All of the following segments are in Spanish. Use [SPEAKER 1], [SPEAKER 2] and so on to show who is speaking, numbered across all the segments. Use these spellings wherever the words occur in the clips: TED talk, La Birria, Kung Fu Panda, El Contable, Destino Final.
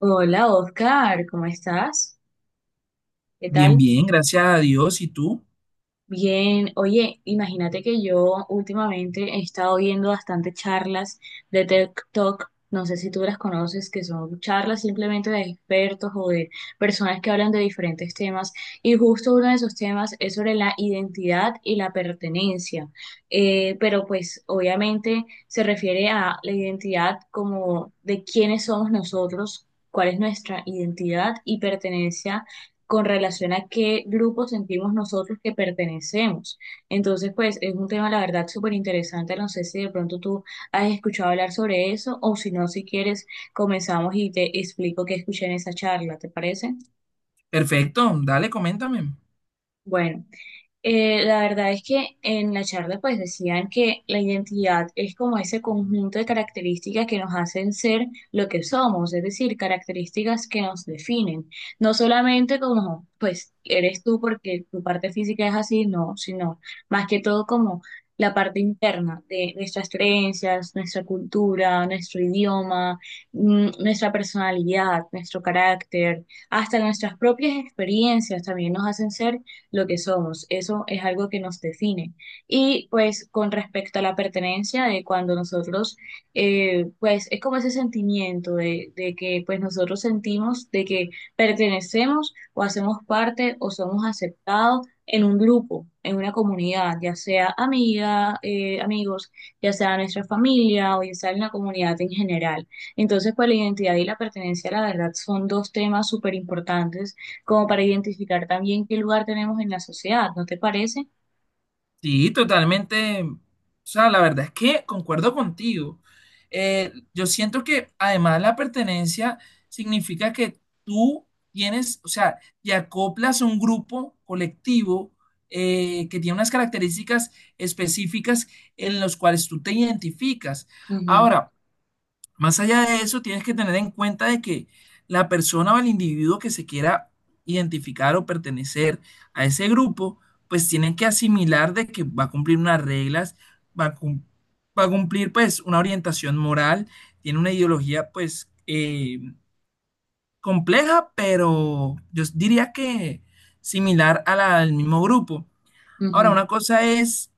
[SPEAKER 1] Hola Oscar, ¿cómo estás? ¿Qué
[SPEAKER 2] Bien,
[SPEAKER 1] tal?
[SPEAKER 2] bien, gracias a Dios. ¿Y tú?
[SPEAKER 1] Bien, oye, imagínate que yo últimamente he estado viendo bastante charlas de TED talk. No sé si tú las conoces, que son charlas simplemente de expertos o de personas que hablan de diferentes temas, y justo uno de esos temas es sobre la identidad y la pertenencia. Pero pues obviamente se refiere a la identidad como de quiénes somos nosotros, cuál es nuestra identidad y pertenencia con relación a qué grupo sentimos nosotros que pertenecemos. Entonces, pues es un tema, la verdad, súper interesante. No sé si de pronto tú has escuchado hablar sobre eso o si no, si quieres, comenzamos y te explico qué escuché en esa charla, ¿te parece?
[SPEAKER 2] Perfecto, dale, coméntame.
[SPEAKER 1] Bueno. La verdad es que en la charla pues decían que la identidad es como ese conjunto de características que nos hacen ser lo que somos, es decir, características que nos definen. No solamente como pues eres tú porque tu parte física es así, no, sino más que todo como la parte interna de nuestras creencias, nuestra cultura, nuestro idioma, nuestra personalidad, nuestro carácter, hasta nuestras propias experiencias también nos hacen ser lo que somos. Eso es algo que nos define. Y pues con respecto a la pertenencia de cuando nosotros, pues es como ese sentimiento de que pues nosotros sentimos de que pertenecemos o hacemos parte o somos aceptados en un grupo, en una comunidad, ya sea amiga, amigos, ya sea nuestra familia o ya sea en la comunidad en general. Entonces, pues la identidad y la pertenencia, la verdad, son dos temas súper importantes como para identificar también qué lugar tenemos en la sociedad, ¿no te parece?
[SPEAKER 2] Sí, totalmente. O sea, la verdad es que concuerdo contigo. Yo siento que además la pertenencia significa que tú tienes, o sea, te acoplas a un grupo colectivo que tiene unas características específicas en los cuales tú te identificas.
[SPEAKER 1] Ujú,
[SPEAKER 2] Ahora, más allá de eso, tienes que tener en cuenta de que la persona o el individuo que se quiera identificar o pertenecer a ese grupo, pues tienen que asimilar de que va a cumplir unas reglas, va a, cum- va a cumplir pues una orientación moral, tiene una ideología pues compleja, pero yo diría que similar a la del mismo grupo. Ahora,
[SPEAKER 1] ujú.
[SPEAKER 2] una cosa es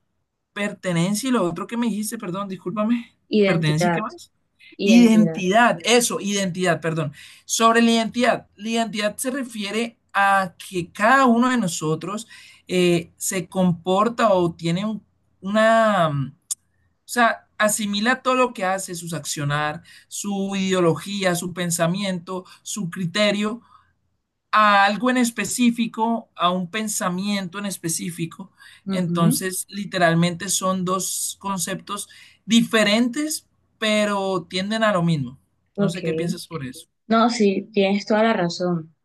[SPEAKER 2] pertenencia y lo otro que me dijiste, perdón, discúlpame, pertenencia y
[SPEAKER 1] Identidad,
[SPEAKER 2] qué más.
[SPEAKER 1] identidad.
[SPEAKER 2] Identidad, eso, identidad, perdón. Sobre la identidad se refiere a que cada uno de nosotros se comporta o una, o sea, asimila todo lo que hace, sus accionar, su ideología, su pensamiento, su criterio a algo en específico, a un pensamiento en específico.
[SPEAKER 1] Ujú.
[SPEAKER 2] Entonces, literalmente son dos conceptos diferentes, pero tienden a lo mismo. No sé qué
[SPEAKER 1] OK.
[SPEAKER 2] piensas sobre eso.
[SPEAKER 1] No, sí, tienes toda la razón.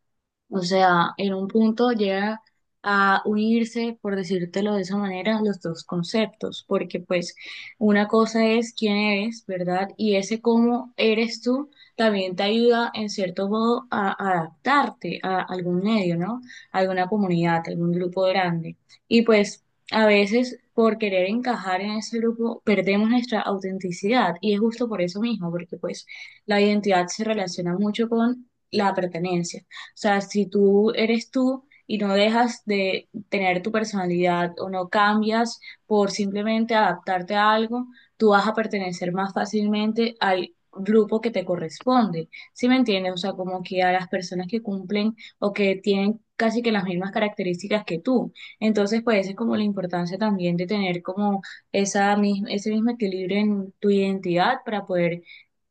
[SPEAKER 1] O sea, en un punto llega a unirse, por decírtelo de esa manera, los dos conceptos, porque pues una cosa es quién eres, ¿verdad? Y ese cómo eres tú también te ayuda en cierto modo a adaptarte a algún medio, ¿no? A alguna comunidad, a algún grupo grande. Y pues a veces por querer encajar en ese grupo perdemos nuestra autenticidad y es justo por eso mismo, porque pues la identidad se relaciona mucho con la pertenencia sea, si tú eres tú y no dejas de tener tu personalidad o no cambias por simplemente adaptarte a algo, tú vas a pertenecer más fácilmente al grupo que te corresponde. ¿Sí me entiendes? O sea, como que a las personas que cumplen o que tienen casi que las mismas características que tú. Entonces, pues esa es como la importancia también de tener como ese mismo equilibrio en tu identidad para poder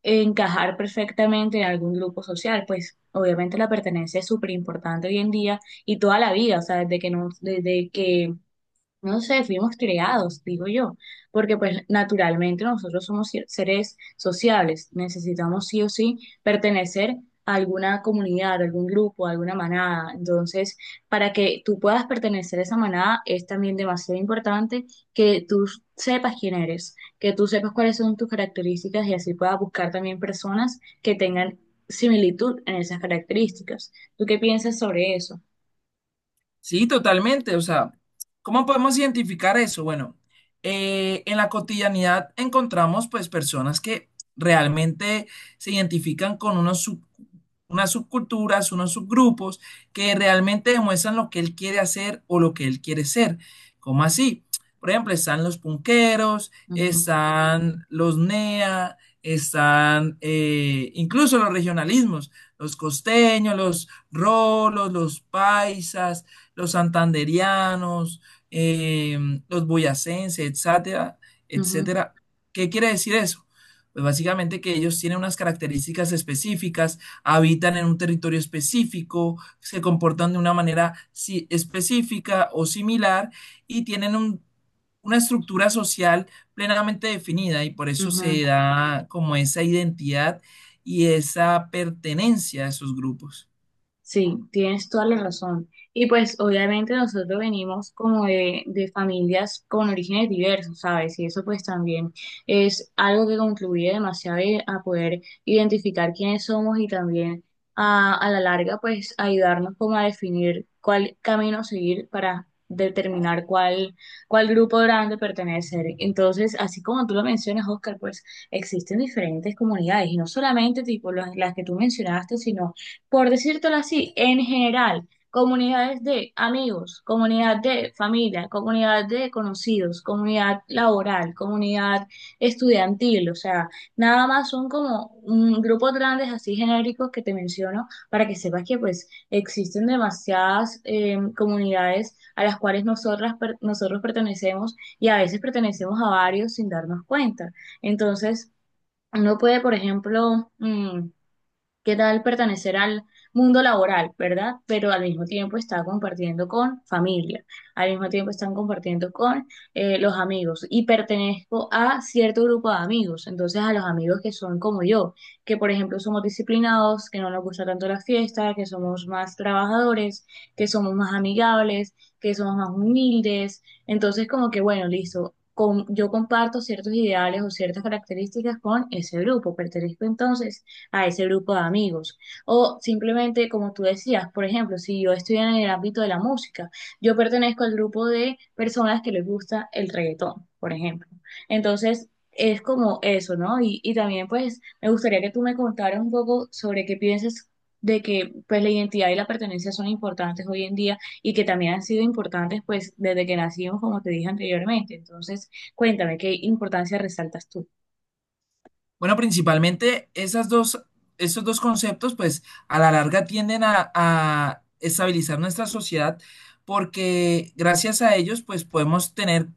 [SPEAKER 1] encajar perfectamente en algún grupo social, pues obviamente la pertenencia es súper importante hoy en día y toda la vida, o sea, desde que no sé, fuimos creados, digo yo, porque pues naturalmente nosotros somos seres sociables, necesitamos sí o sí pertenecer a alguna comunidad, a algún grupo, a alguna manada. Entonces, para que tú puedas pertenecer a esa manada es también demasiado importante que tú sepas quién eres, que tú sepas cuáles son tus características y así puedas buscar también personas que tengan similitud en esas características. ¿Tú qué piensas sobre eso?
[SPEAKER 2] Sí, totalmente. O sea, ¿cómo podemos identificar eso? Bueno, en la cotidianidad encontramos pues personas que realmente se identifican con unas subculturas, unos subgrupos que realmente demuestran lo que él quiere hacer o lo que él quiere ser. ¿Cómo así? Por ejemplo, están los punqueros,
[SPEAKER 1] Ujú,
[SPEAKER 2] están los NEA, están incluso los regionalismos, los costeños, los rolos, los paisas, los santanderianos, los boyacenses, etcétera,
[SPEAKER 1] ujú,
[SPEAKER 2] etcétera. ¿Qué quiere decir eso? Pues básicamente que ellos tienen unas características específicas, habitan en un territorio específico, se comportan de una manera específica o similar y una estructura social plenamente definida y por eso
[SPEAKER 1] ujú.
[SPEAKER 2] se da como esa identidad y esa pertenencia a esos grupos.
[SPEAKER 1] Sí, tienes toda la razón. Y pues obviamente nosotros venimos como de familias con orígenes diversos, ¿sabes? Y eso pues también es algo que contribuye demasiado a poder identificar quiénes somos y también a la larga pues ayudarnos como a definir cuál camino seguir para determinar cuál grupo grande pertenecer. Entonces, así como tú lo mencionas, Oscar, pues existen diferentes comunidades y no solamente tipo las que tú mencionaste, sino por decírtelo así, en general, comunidades de amigos, comunidad de familia, comunidad de conocidos, comunidad laboral, comunidad estudiantil, o sea, nada más son como un grupos grandes así genéricos que te menciono para que sepas que pues existen demasiadas comunidades a las cuales nosotros pertenecemos y a veces pertenecemos a varios sin darnos cuenta. Entonces, uno puede, por ejemplo, ¿qué tal pertenecer al mundo laboral, verdad? Pero al mismo tiempo está compartiendo con familia, al mismo tiempo están compartiendo con los amigos y pertenezco a cierto grupo de amigos, entonces a los amigos que son como yo, que por ejemplo somos disciplinados, que no nos gusta tanto la fiesta, que somos más trabajadores, que somos más amigables, que somos más humildes, entonces como que bueno, listo. Yo comparto ciertos ideales o ciertas características con ese grupo. Pertenezco entonces a ese grupo de amigos. O simplemente, como tú decías, por ejemplo, si yo estoy en el ámbito de la música, yo pertenezco al grupo de personas que les gusta el reggaetón, por ejemplo. Entonces, es como eso, ¿no? Y también, pues, me gustaría que tú me contaras un poco sobre qué piensas de que, pues, la identidad y la pertenencia son importantes hoy en día y que también han sido importantes, pues, desde que nacimos, como te dije anteriormente. Entonces, cuéntame, ¿qué importancia resaltas tú?
[SPEAKER 2] Bueno, principalmente esas dos, esos dos conceptos, pues a la larga tienden a estabilizar nuestra sociedad porque gracias a ellos, pues podemos tener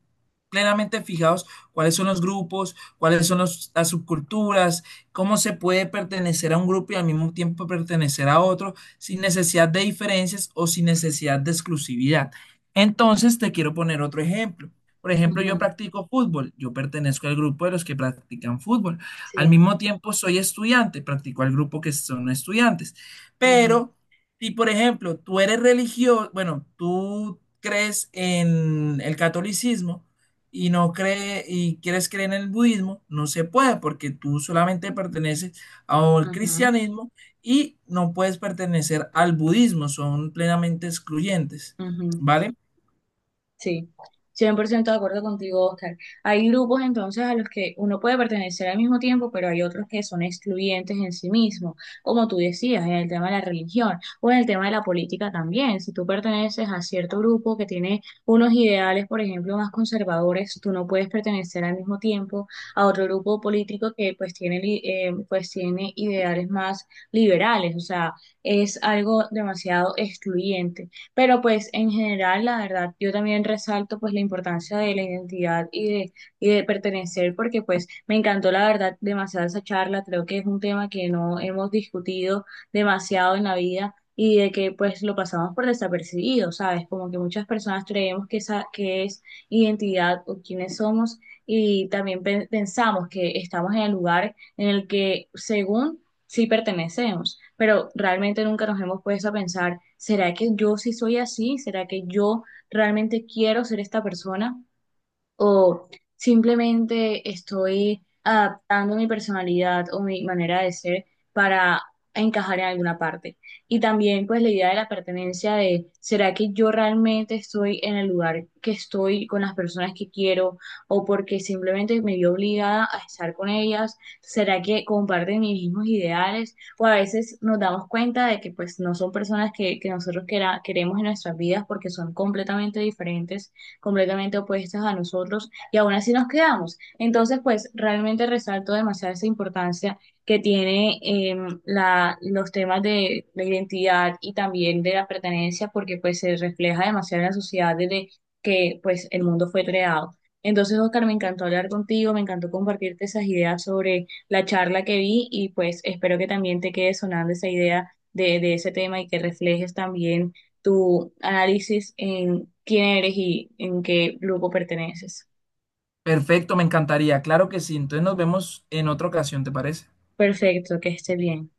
[SPEAKER 2] plenamente fijados cuáles son los grupos, cuáles son las subculturas, cómo se puede pertenecer a un grupo y al mismo tiempo pertenecer a otro sin necesidad de diferencias o sin necesidad de exclusividad. Entonces, te quiero poner otro ejemplo. Por ejemplo, yo
[SPEAKER 1] Ujú.
[SPEAKER 2] practico fútbol, yo pertenezco al grupo de los que practican fútbol. Al
[SPEAKER 1] Sí.
[SPEAKER 2] mismo tiempo soy estudiante, practico al grupo que son estudiantes.
[SPEAKER 1] Ujú,
[SPEAKER 2] Pero si, por ejemplo, tú eres religioso, bueno, tú crees en el catolicismo y no cree y quieres creer en el budismo, no se puede porque tú solamente perteneces al
[SPEAKER 1] ujú.
[SPEAKER 2] cristianismo y no puedes pertenecer al budismo, son plenamente excluyentes,
[SPEAKER 1] Ujú.
[SPEAKER 2] ¿vale?
[SPEAKER 1] Sí, 100% de acuerdo contigo, Oscar. Hay grupos entonces a los que uno puede pertenecer al mismo tiempo, pero hay otros que son excluyentes en sí mismo, como tú decías, en el tema de la religión o en el tema de la política también. Si tú perteneces a cierto grupo que tiene unos ideales, por ejemplo, más conservadores, tú no puedes pertenecer al mismo tiempo a otro grupo político que pues tiene, pues tiene ideales más liberales, o sea, es algo demasiado excluyente. Pero pues en general, la verdad, yo también resalto pues la importancia de la identidad y de pertenecer, porque pues me encantó la verdad demasiado esa charla, creo que es un tema que no hemos discutido demasiado en la vida y de que pues lo pasamos por desapercibido, ¿sabes? Como que muchas personas creemos que, esa, que es identidad o quiénes somos y también pensamos que estamos en el lugar en el que según sí pertenecemos, pero realmente nunca nos hemos puesto a pensar, ¿será que yo sí soy así? ¿Será que yo realmente quiero ser esta persona? O simplemente estoy adaptando mi personalidad o mi manera de ser para encajar en alguna parte. Y también pues la idea de la pertenencia de, ¿será que yo realmente estoy en el lugar que estoy con las personas que quiero o porque simplemente me vi obligada a estar con ellas? ¿Será que comparten mis mismos ideales? O a veces nos damos cuenta de que pues no son personas que nosotros queremos en nuestras vidas porque son completamente diferentes completamente opuestas a nosotros y aún así nos quedamos. Entonces, pues realmente resalto demasiado esa importancia que tiene los temas de la identidad y también de la pertenencia porque pues se refleja demasiado en la sociedad desde que pues el mundo fue creado. Entonces, Oscar, me encantó hablar contigo, me encantó compartirte esas ideas sobre la charla que vi y pues espero que también te quede sonando esa idea de ese tema y que reflejes también tu análisis en quién eres y en qué grupo perteneces.
[SPEAKER 2] Perfecto, me encantaría, claro que sí. Entonces nos vemos en otra ocasión, ¿te parece?
[SPEAKER 1] Perfecto, que esté bien.